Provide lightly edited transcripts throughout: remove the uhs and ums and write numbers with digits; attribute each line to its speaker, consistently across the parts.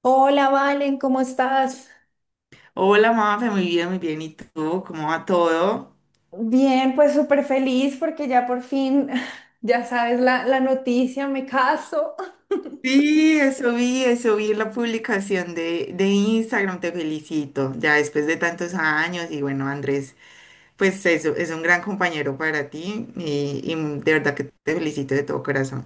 Speaker 1: Hola, Valen, ¿cómo estás?
Speaker 2: Hola, Mafe, muy bien, muy bien. ¿Y tú? ¿Cómo va todo?
Speaker 1: Bien, pues súper feliz porque ya por fin, ya sabes la noticia, me caso.
Speaker 2: Sí, eso vi en la publicación de Instagram, te felicito. Ya después de tantos años, y bueno, Andrés, pues eso, es un gran compañero para ti y de verdad que te felicito de todo corazón.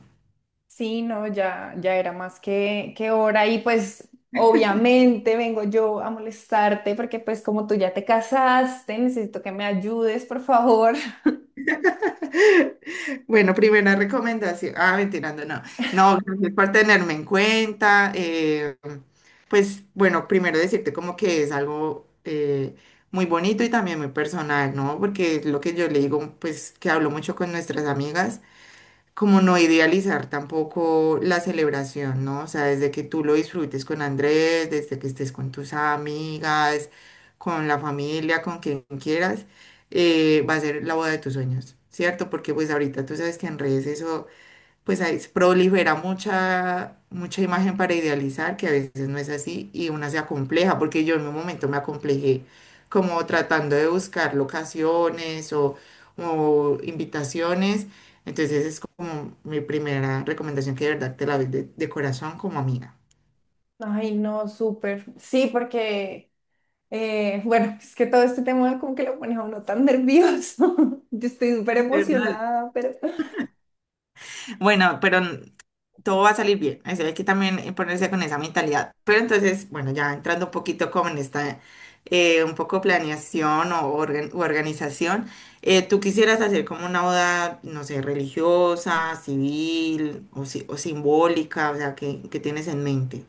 Speaker 1: Sí, no, ya, ya era más que hora y pues obviamente vengo yo a molestarte porque pues como tú ya te casaste, necesito que me ayudes, por favor.
Speaker 2: Bueno, primera recomendación. Ah, mentirando, no. No, gracias por tenerme en cuenta. Pues bueno, primero decirte como que es algo muy bonito y también muy personal, ¿no? Porque es lo que yo le digo, pues que hablo mucho con nuestras amigas, como no idealizar tampoco la celebración, ¿no? O sea, desde que tú lo disfrutes con Andrés, desde que estés con tus amigas, con la familia, con quien quieras, va a ser la boda de tus sueños, ¿cierto? Porque pues ahorita tú sabes que en redes eso, pues ahí se prolifera mucha, mucha imagen para idealizar, que a veces no es así, y una se acompleja, porque yo en un momento me acomplejé como tratando de buscar locaciones o invitaciones. Entonces es como mi primera recomendación que de verdad te la doy de corazón como amiga.
Speaker 1: Ay, no, súper. Sí, porque, bueno, es que todo este tema como que lo pone a uno tan nervioso. Yo estoy súper
Speaker 2: Es verdad.
Speaker 1: emocionada, pero...
Speaker 2: Bueno, pero todo va a salir bien. Eso hay que también ponerse con esa mentalidad. Pero entonces, bueno, ya entrando un poquito como en esta, un poco planeación o organ- u organización, ¿tú quisieras hacer como una boda, no sé, religiosa, civil o o simbólica? O sea, ¿ qué tienes en mente?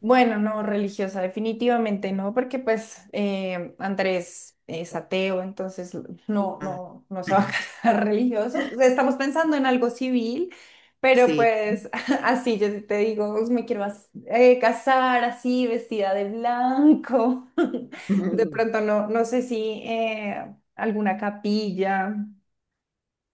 Speaker 1: Bueno, no, religiosa, definitivamente no, porque pues Andrés es ateo, entonces
Speaker 2: Ah.
Speaker 1: no se va a casar religioso. O sea, estamos pensando en algo civil, pero
Speaker 2: Sí.
Speaker 1: pues así yo te digo, me quiero casar así, vestida de blanco. De pronto no, no sé si alguna capilla.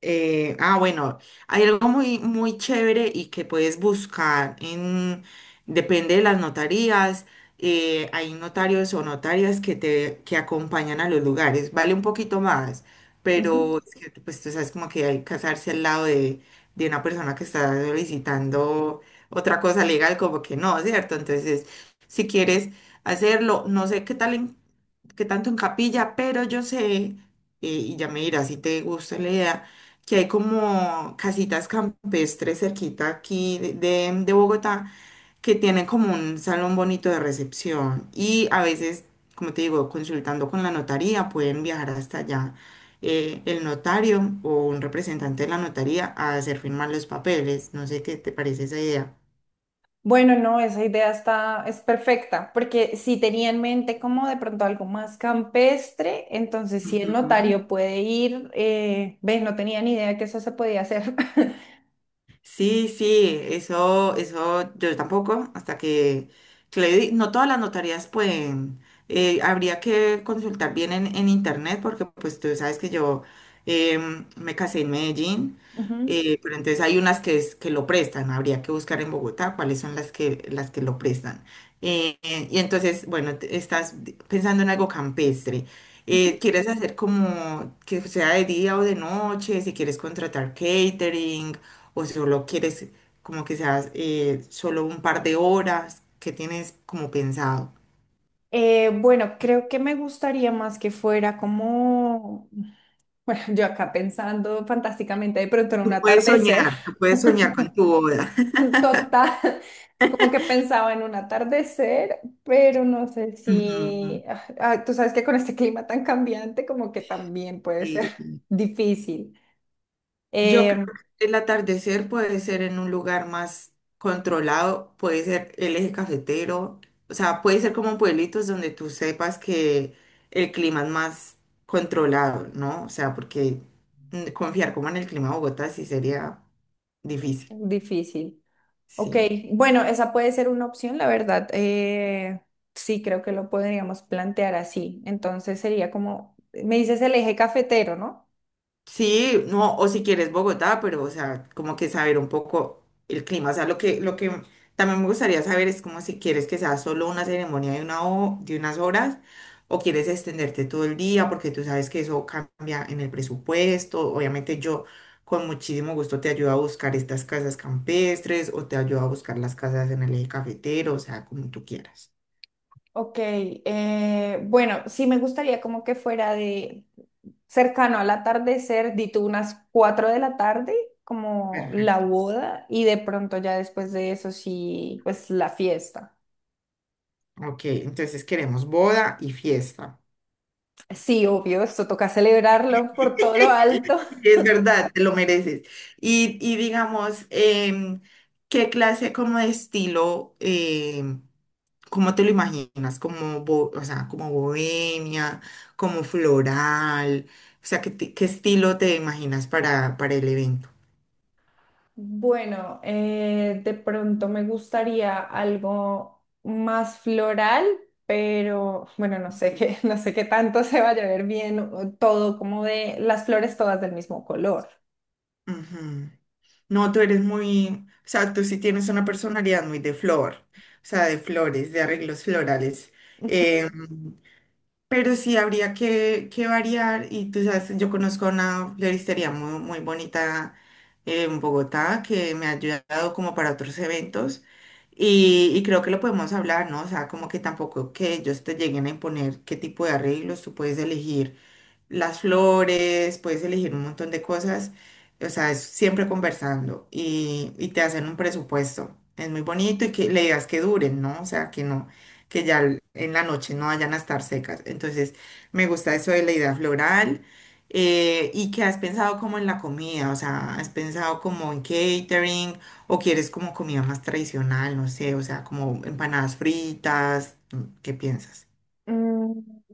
Speaker 2: Bueno, hay algo muy, muy chévere y que puedes buscar en, depende de las notarías, hay notarios o notarias que te, que acompañan a los lugares, vale un poquito más, pero es que, pues tú sabes como que hay que casarse al lado de una persona que está solicitando otra cosa legal, como que no, ¿cierto? Entonces, si quieres hacerlo, no sé qué tal en, que tanto en capilla, pero yo sé, y ya me dirás si te gusta la idea, que hay como casitas campestres cerquita aquí de Bogotá, que tienen como un salón bonito de recepción y a veces, como te digo, consultando con la notaría, pueden viajar hasta allá. El notario o un representante de la notaría a hacer firmar los papeles. No sé qué te parece esa idea.
Speaker 1: Bueno, no, esa idea está, es perfecta, porque si tenía en mente como de pronto algo más campestre, entonces si el
Speaker 2: Ujú.
Speaker 1: notario puede ir, ves, no tenía ni idea que eso se podía hacer.
Speaker 2: Sí, sí, eso yo tampoco, hasta que, no todas las notarías pueden, habría que consultar bien en internet, porque pues tú sabes que yo me casé en Medellín,
Speaker 1: Ujú,
Speaker 2: pero entonces hay unas que, que lo prestan, habría que buscar en Bogotá cuáles son las que lo prestan. Y entonces, bueno, estás pensando en algo campestre.
Speaker 1: ujú.
Speaker 2: ¿Quieres hacer como que sea de día o de noche? Si quieres contratar catering o solo quieres como que seas solo un par de horas, ¿qué tienes como pensado?
Speaker 1: Bueno, creo que me gustaría más que fuera como, bueno, yo acá pensando fantásticamente de pronto en un atardecer
Speaker 2: Tú puedes soñar con tu boda.
Speaker 1: total. Como que pensaba en un atardecer, pero no sé
Speaker 2: Ujú,
Speaker 1: si, tú sabes que con este clima tan cambiante, como que también puede ser
Speaker 2: sí.
Speaker 1: difícil.
Speaker 2: Yo creo
Speaker 1: Em,
Speaker 2: que el atardecer puede ser en un lugar más controlado, puede ser el eje cafetero, o sea, puede ser como pueblitos donde tú sepas que el clima es más controlado, ¿no? O sea, porque confiar como en el clima de Bogotá sí sería difícil,
Speaker 1: difícil. Ok,
Speaker 2: sí.
Speaker 1: bueno, esa puede ser una opción, la verdad. Sí, creo que lo podríamos plantear así. Entonces sería como, me dices el eje cafetero, ¿no?
Speaker 2: Sí, no, o si quieres Bogotá, pero, o sea, como que saber un poco el clima. O sea, lo que también me gustaría saber es como si quieres que sea solo una ceremonia de unas horas o quieres extenderte todo el día, porque tú sabes que eso cambia en el presupuesto. Obviamente yo con muchísimo gusto te ayudo a buscar estas casas campestres o te ayudo a buscar las casas en el eje cafetero, o sea, como tú quieras.
Speaker 1: Ok, bueno, sí me gustaría como que fuera de, cercano al atardecer, di tú unas 4 de la tarde, como la
Speaker 2: Perfecto.
Speaker 1: boda, y de pronto ya después de eso sí, pues la fiesta.
Speaker 2: Ok, entonces queremos boda y fiesta.
Speaker 1: Sí, obvio, esto toca celebrarlo por todo lo alto.
Speaker 2: Es verdad, te lo mereces. Y digamos, ¿qué clase como de estilo, em, cómo te lo imaginas? O sea, como bohemia, como floral, o sea, ¿ qué estilo te imaginas para el evento?
Speaker 1: Bueno, de pronto me gustaría algo más floral, pero bueno, no sé qué, no sé qué tanto se vaya a ver bien, o todo como de las flores todas del mismo color.
Speaker 2: Ujú. No, tú eres muy, o sea, tú sí tienes una personalidad muy de flor, o sea, de flores, de arreglos florales. Em, Pero sí habría que variar y tú sabes, yo conozco una floristería muy, muy bonita en Bogotá que me ha ayudado como para otros eventos y creo que lo podemos hablar, ¿no? O sea, como que tampoco que ellos te lleguen a imponer qué tipo de arreglos, tú puedes elegir las flores, puedes elegir un montón de cosas, o sea, es siempre conversando y te hacen un presupuesto. Es muy bonito y que le digas que duren, ¿no? O sea, que no, que en la noche no vayan a estar secas. Entonces, me gusta eso de la idea floral. Y que has pensado como en la comida, o sea, has pensado como en catering o quieres como comida más tradicional, no sé, o sea, como empanadas fritas, ¿qué piensas?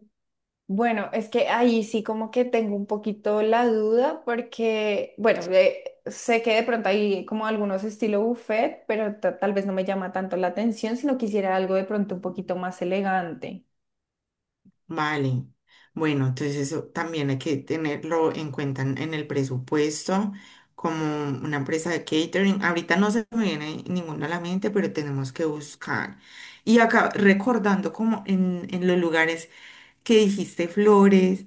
Speaker 1: Bueno, es que ahí sí como que tengo un poquito la duda porque, bueno, sé que de pronto hay como algunos estilo buffet, pero tal vez no me llama tanto la atención, sino quisiera algo de pronto un poquito más elegante.
Speaker 2: Vale. Bueno, entonces eso también hay que tenerlo en cuenta en el presupuesto, como una empresa de catering. Ahorita no se me viene ninguna a la mente, pero tenemos que buscar. Y acá recordando como en los lugares que dijiste flores,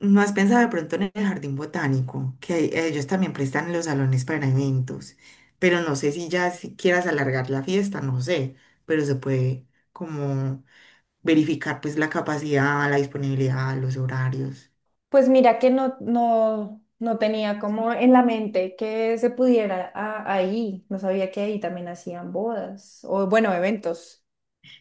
Speaker 2: ¿no has pensado de pronto en el jardín botánico? Que ellos también prestan los salones para eventos, pero no sé si ya si quieras alargar la fiesta, no sé, pero se puede como verificar pues la capacidad, la disponibilidad, los horarios.
Speaker 1: Pues mira que no tenía como en la mente que se pudiera ahí, no sabía que ahí también hacían bodas o bueno, eventos.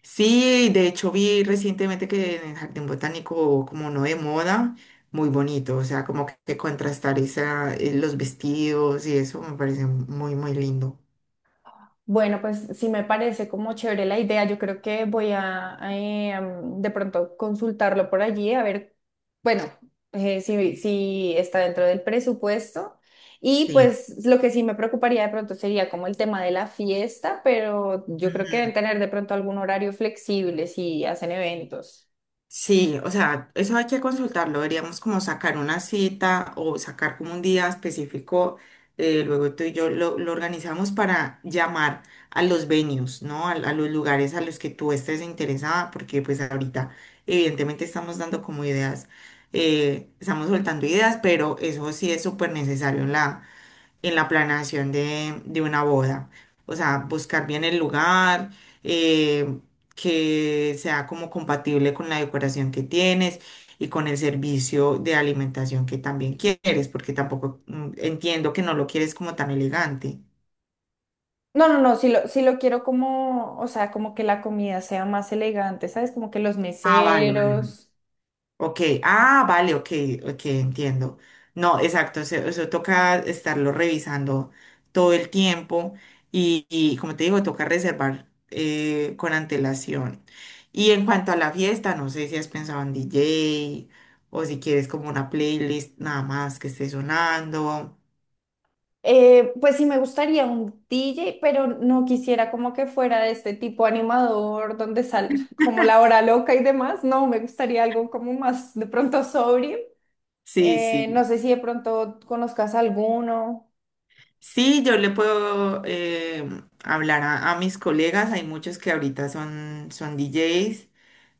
Speaker 2: Sí, de hecho vi recientemente que en el Jardín Botánico, como no de moda, muy bonito, o sea, como que contrastar esa, los vestidos y eso me parece muy, muy lindo.
Speaker 1: Bueno, pues sí me parece como chévere la idea. Yo creo que voy a, de pronto consultarlo por allí a ver. Bueno, si sí está dentro del presupuesto. Y
Speaker 2: Sí.
Speaker 1: pues lo que sí me preocuparía de pronto sería como el tema de la fiesta, pero yo creo que deben tener de pronto algún horario flexible si hacen eventos.
Speaker 2: Sí, o sea, eso hay que consultarlo. Deberíamos como sacar una cita o sacar como un día específico. Luego tú y yo lo organizamos para llamar a los venues, ¿no? A los lugares a los que tú estés interesada, porque pues ahorita evidentemente estamos dando como ideas, estamos soltando ideas, pero eso sí es súper necesario en la planeación de una boda. O sea, buscar bien el lugar, eh, que sea como compatible con la decoración que tienes y con el servicio de alimentación que también quieres, porque tampoco entiendo que no lo quieres como tan elegante.
Speaker 1: No, no, no, si lo quiero como, o sea, como que la comida sea más elegante, ¿sabes? Como que los
Speaker 2: Ah, vale.
Speaker 1: meseros.
Speaker 2: Ok, vale, ok, ok, entiendo. No, exacto, eso toca estarlo revisando todo el tiempo y como te digo, toca reservar con antelación. Y en cuanto a la fiesta, no sé si has pensado en DJ o si quieres como una playlist nada más que esté sonando.
Speaker 1: Pues sí me gustaría un DJ, pero no quisiera como que fuera de este tipo animador donde sale como la hora loca y demás. No, me gustaría algo como más de pronto sobrio.
Speaker 2: Sí,
Speaker 1: No
Speaker 2: sí.
Speaker 1: sé si de pronto conozcas alguno.
Speaker 2: Sí, yo le puedo hablar a mis colegas, hay muchos que ahorita son, son DJs.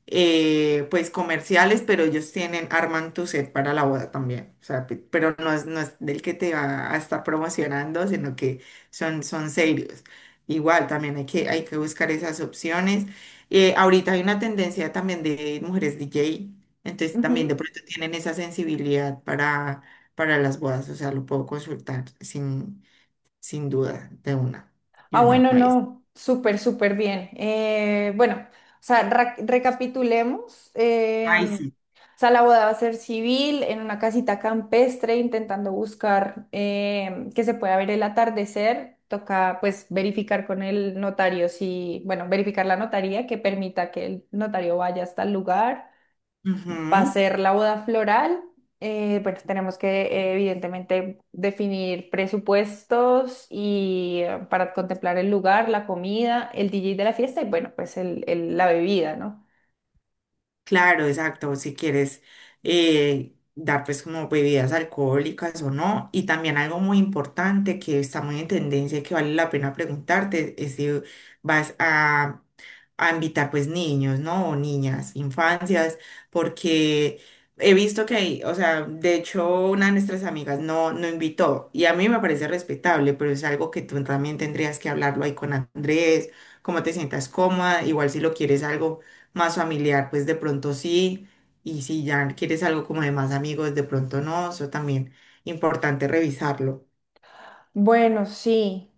Speaker 2: Pues comerciales, pero ellos tienen arman tu set para la boda también. O sea, pero no es, no es del que te va a estar promocionando, sino que son, son serios. Igual, también hay hay que buscar esas opciones. Ahorita hay una tendencia también de mujeres DJ, entonces también de pronto tienen esa sensibilidad para las bodas, o sea, lo puedo consultar sin duda de
Speaker 1: Ah,
Speaker 2: una
Speaker 1: bueno,
Speaker 2: vez.
Speaker 1: no, súper, súper bien. Bueno, o sea, recapitulemos.
Speaker 2: Ay, sí.
Speaker 1: O sea, la boda va a ser civil en una casita campestre, intentando buscar que se pueda ver el atardecer. Toca, pues, verificar con el notario si, bueno, verificar la notaría que permita que el notario vaya hasta el lugar. Va a
Speaker 2: Ujú.
Speaker 1: ser la boda floral. Bueno, tenemos que evidentemente definir presupuestos y para contemplar el lugar, la comida, el DJ de la fiesta y bueno, pues la bebida, ¿no?
Speaker 2: Claro, exacto, si quieres dar pues como bebidas alcohólicas o no. Y también algo muy importante que está muy en tendencia y que vale la pena preguntarte es si vas a, a invitar pues niños, ¿no? O niñas, infancias, porque he visto que hay, o sea, de hecho una de nuestras amigas no, no invitó y a mí me parece respetable, pero es algo que tú también tendrías que hablarlo ahí con Andrés, cómo te sientas cómoda, igual si lo quieres algo más familiar, pues de pronto sí, y si ya quieres algo como de más amigos, de pronto no, eso también importante revisarlo.
Speaker 1: Bueno, sí.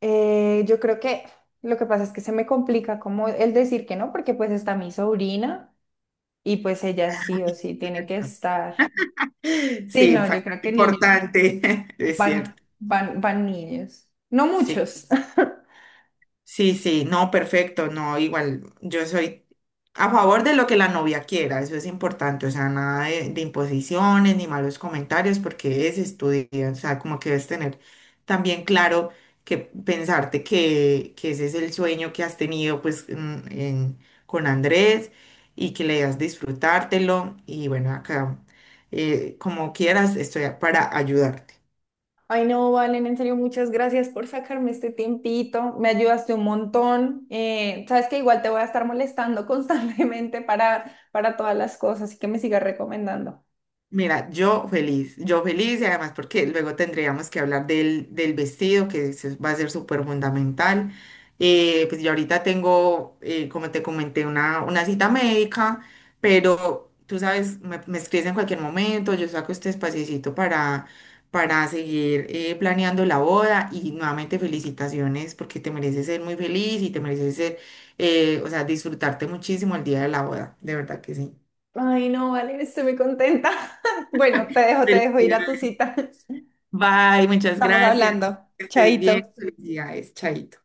Speaker 1: Yo creo que lo que pasa es que se me complica como el decir que no, porque pues está mi sobrina y pues ella sí o sí tiene que estar. Sí,
Speaker 2: Sí,
Speaker 1: no, yo
Speaker 2: factor
Speaker 1: creo que niños,
Speaker 2: importante, es cierto.
Speaker 1: van niños. No
Speaker 2: Sí.
Speaker 1: muchos.
Speaker 2: Sí, sí, no, perfecto, no, igual yo soy a favor de lo que la novia quiera, eso es importante, o sea, nada de imposiciones ni malos comentarios porque es estudio, o sea, como que debes tener también claro que pensarte que ese es el sueño que has tenido pues con Andrés y que le das disfrutártelo y bueno, acá como quieras estoy para ayudarte.
Speaker 1: Ay, no, Valen, en serio, muchas gracias por sacarme este tiempito. Me ayudaste un montón. Sabes que igual te voy a estar molestando constantemente para todas las cosas, así que me sigas recomendando.
Speaker 2: Mira, yo feliz y además porque luego tendríamos que hablar del vestido que va a ser súper fundamental. Pues yo ahorita tengo, como te comenté, una cita médica, pero tú sabes, me escribes en cualquier momento, yo saco este espaciecito para seguir planeando la boda y nuevamente felicitaciones porque te mereces ser muy feliz y te mereces ser, o sea, disfrutarte muchísimo el día de la boda, de verdad que sí.
Speaker 1: Ay, no, Valen, estoy muy contenta. Bueno, te dejo ir a tu
Speaker 2: Felicidades.
Speaker 1: cita.
Speaker 2: Bye, muchas
Speaker 1: Estamos
Speaker 2: gracias.
Speaker 1: hablando.
Speaker 2: Que estés
Speaker 1: Chaito.
Speaker 2: bien. Felicidades, Chaito.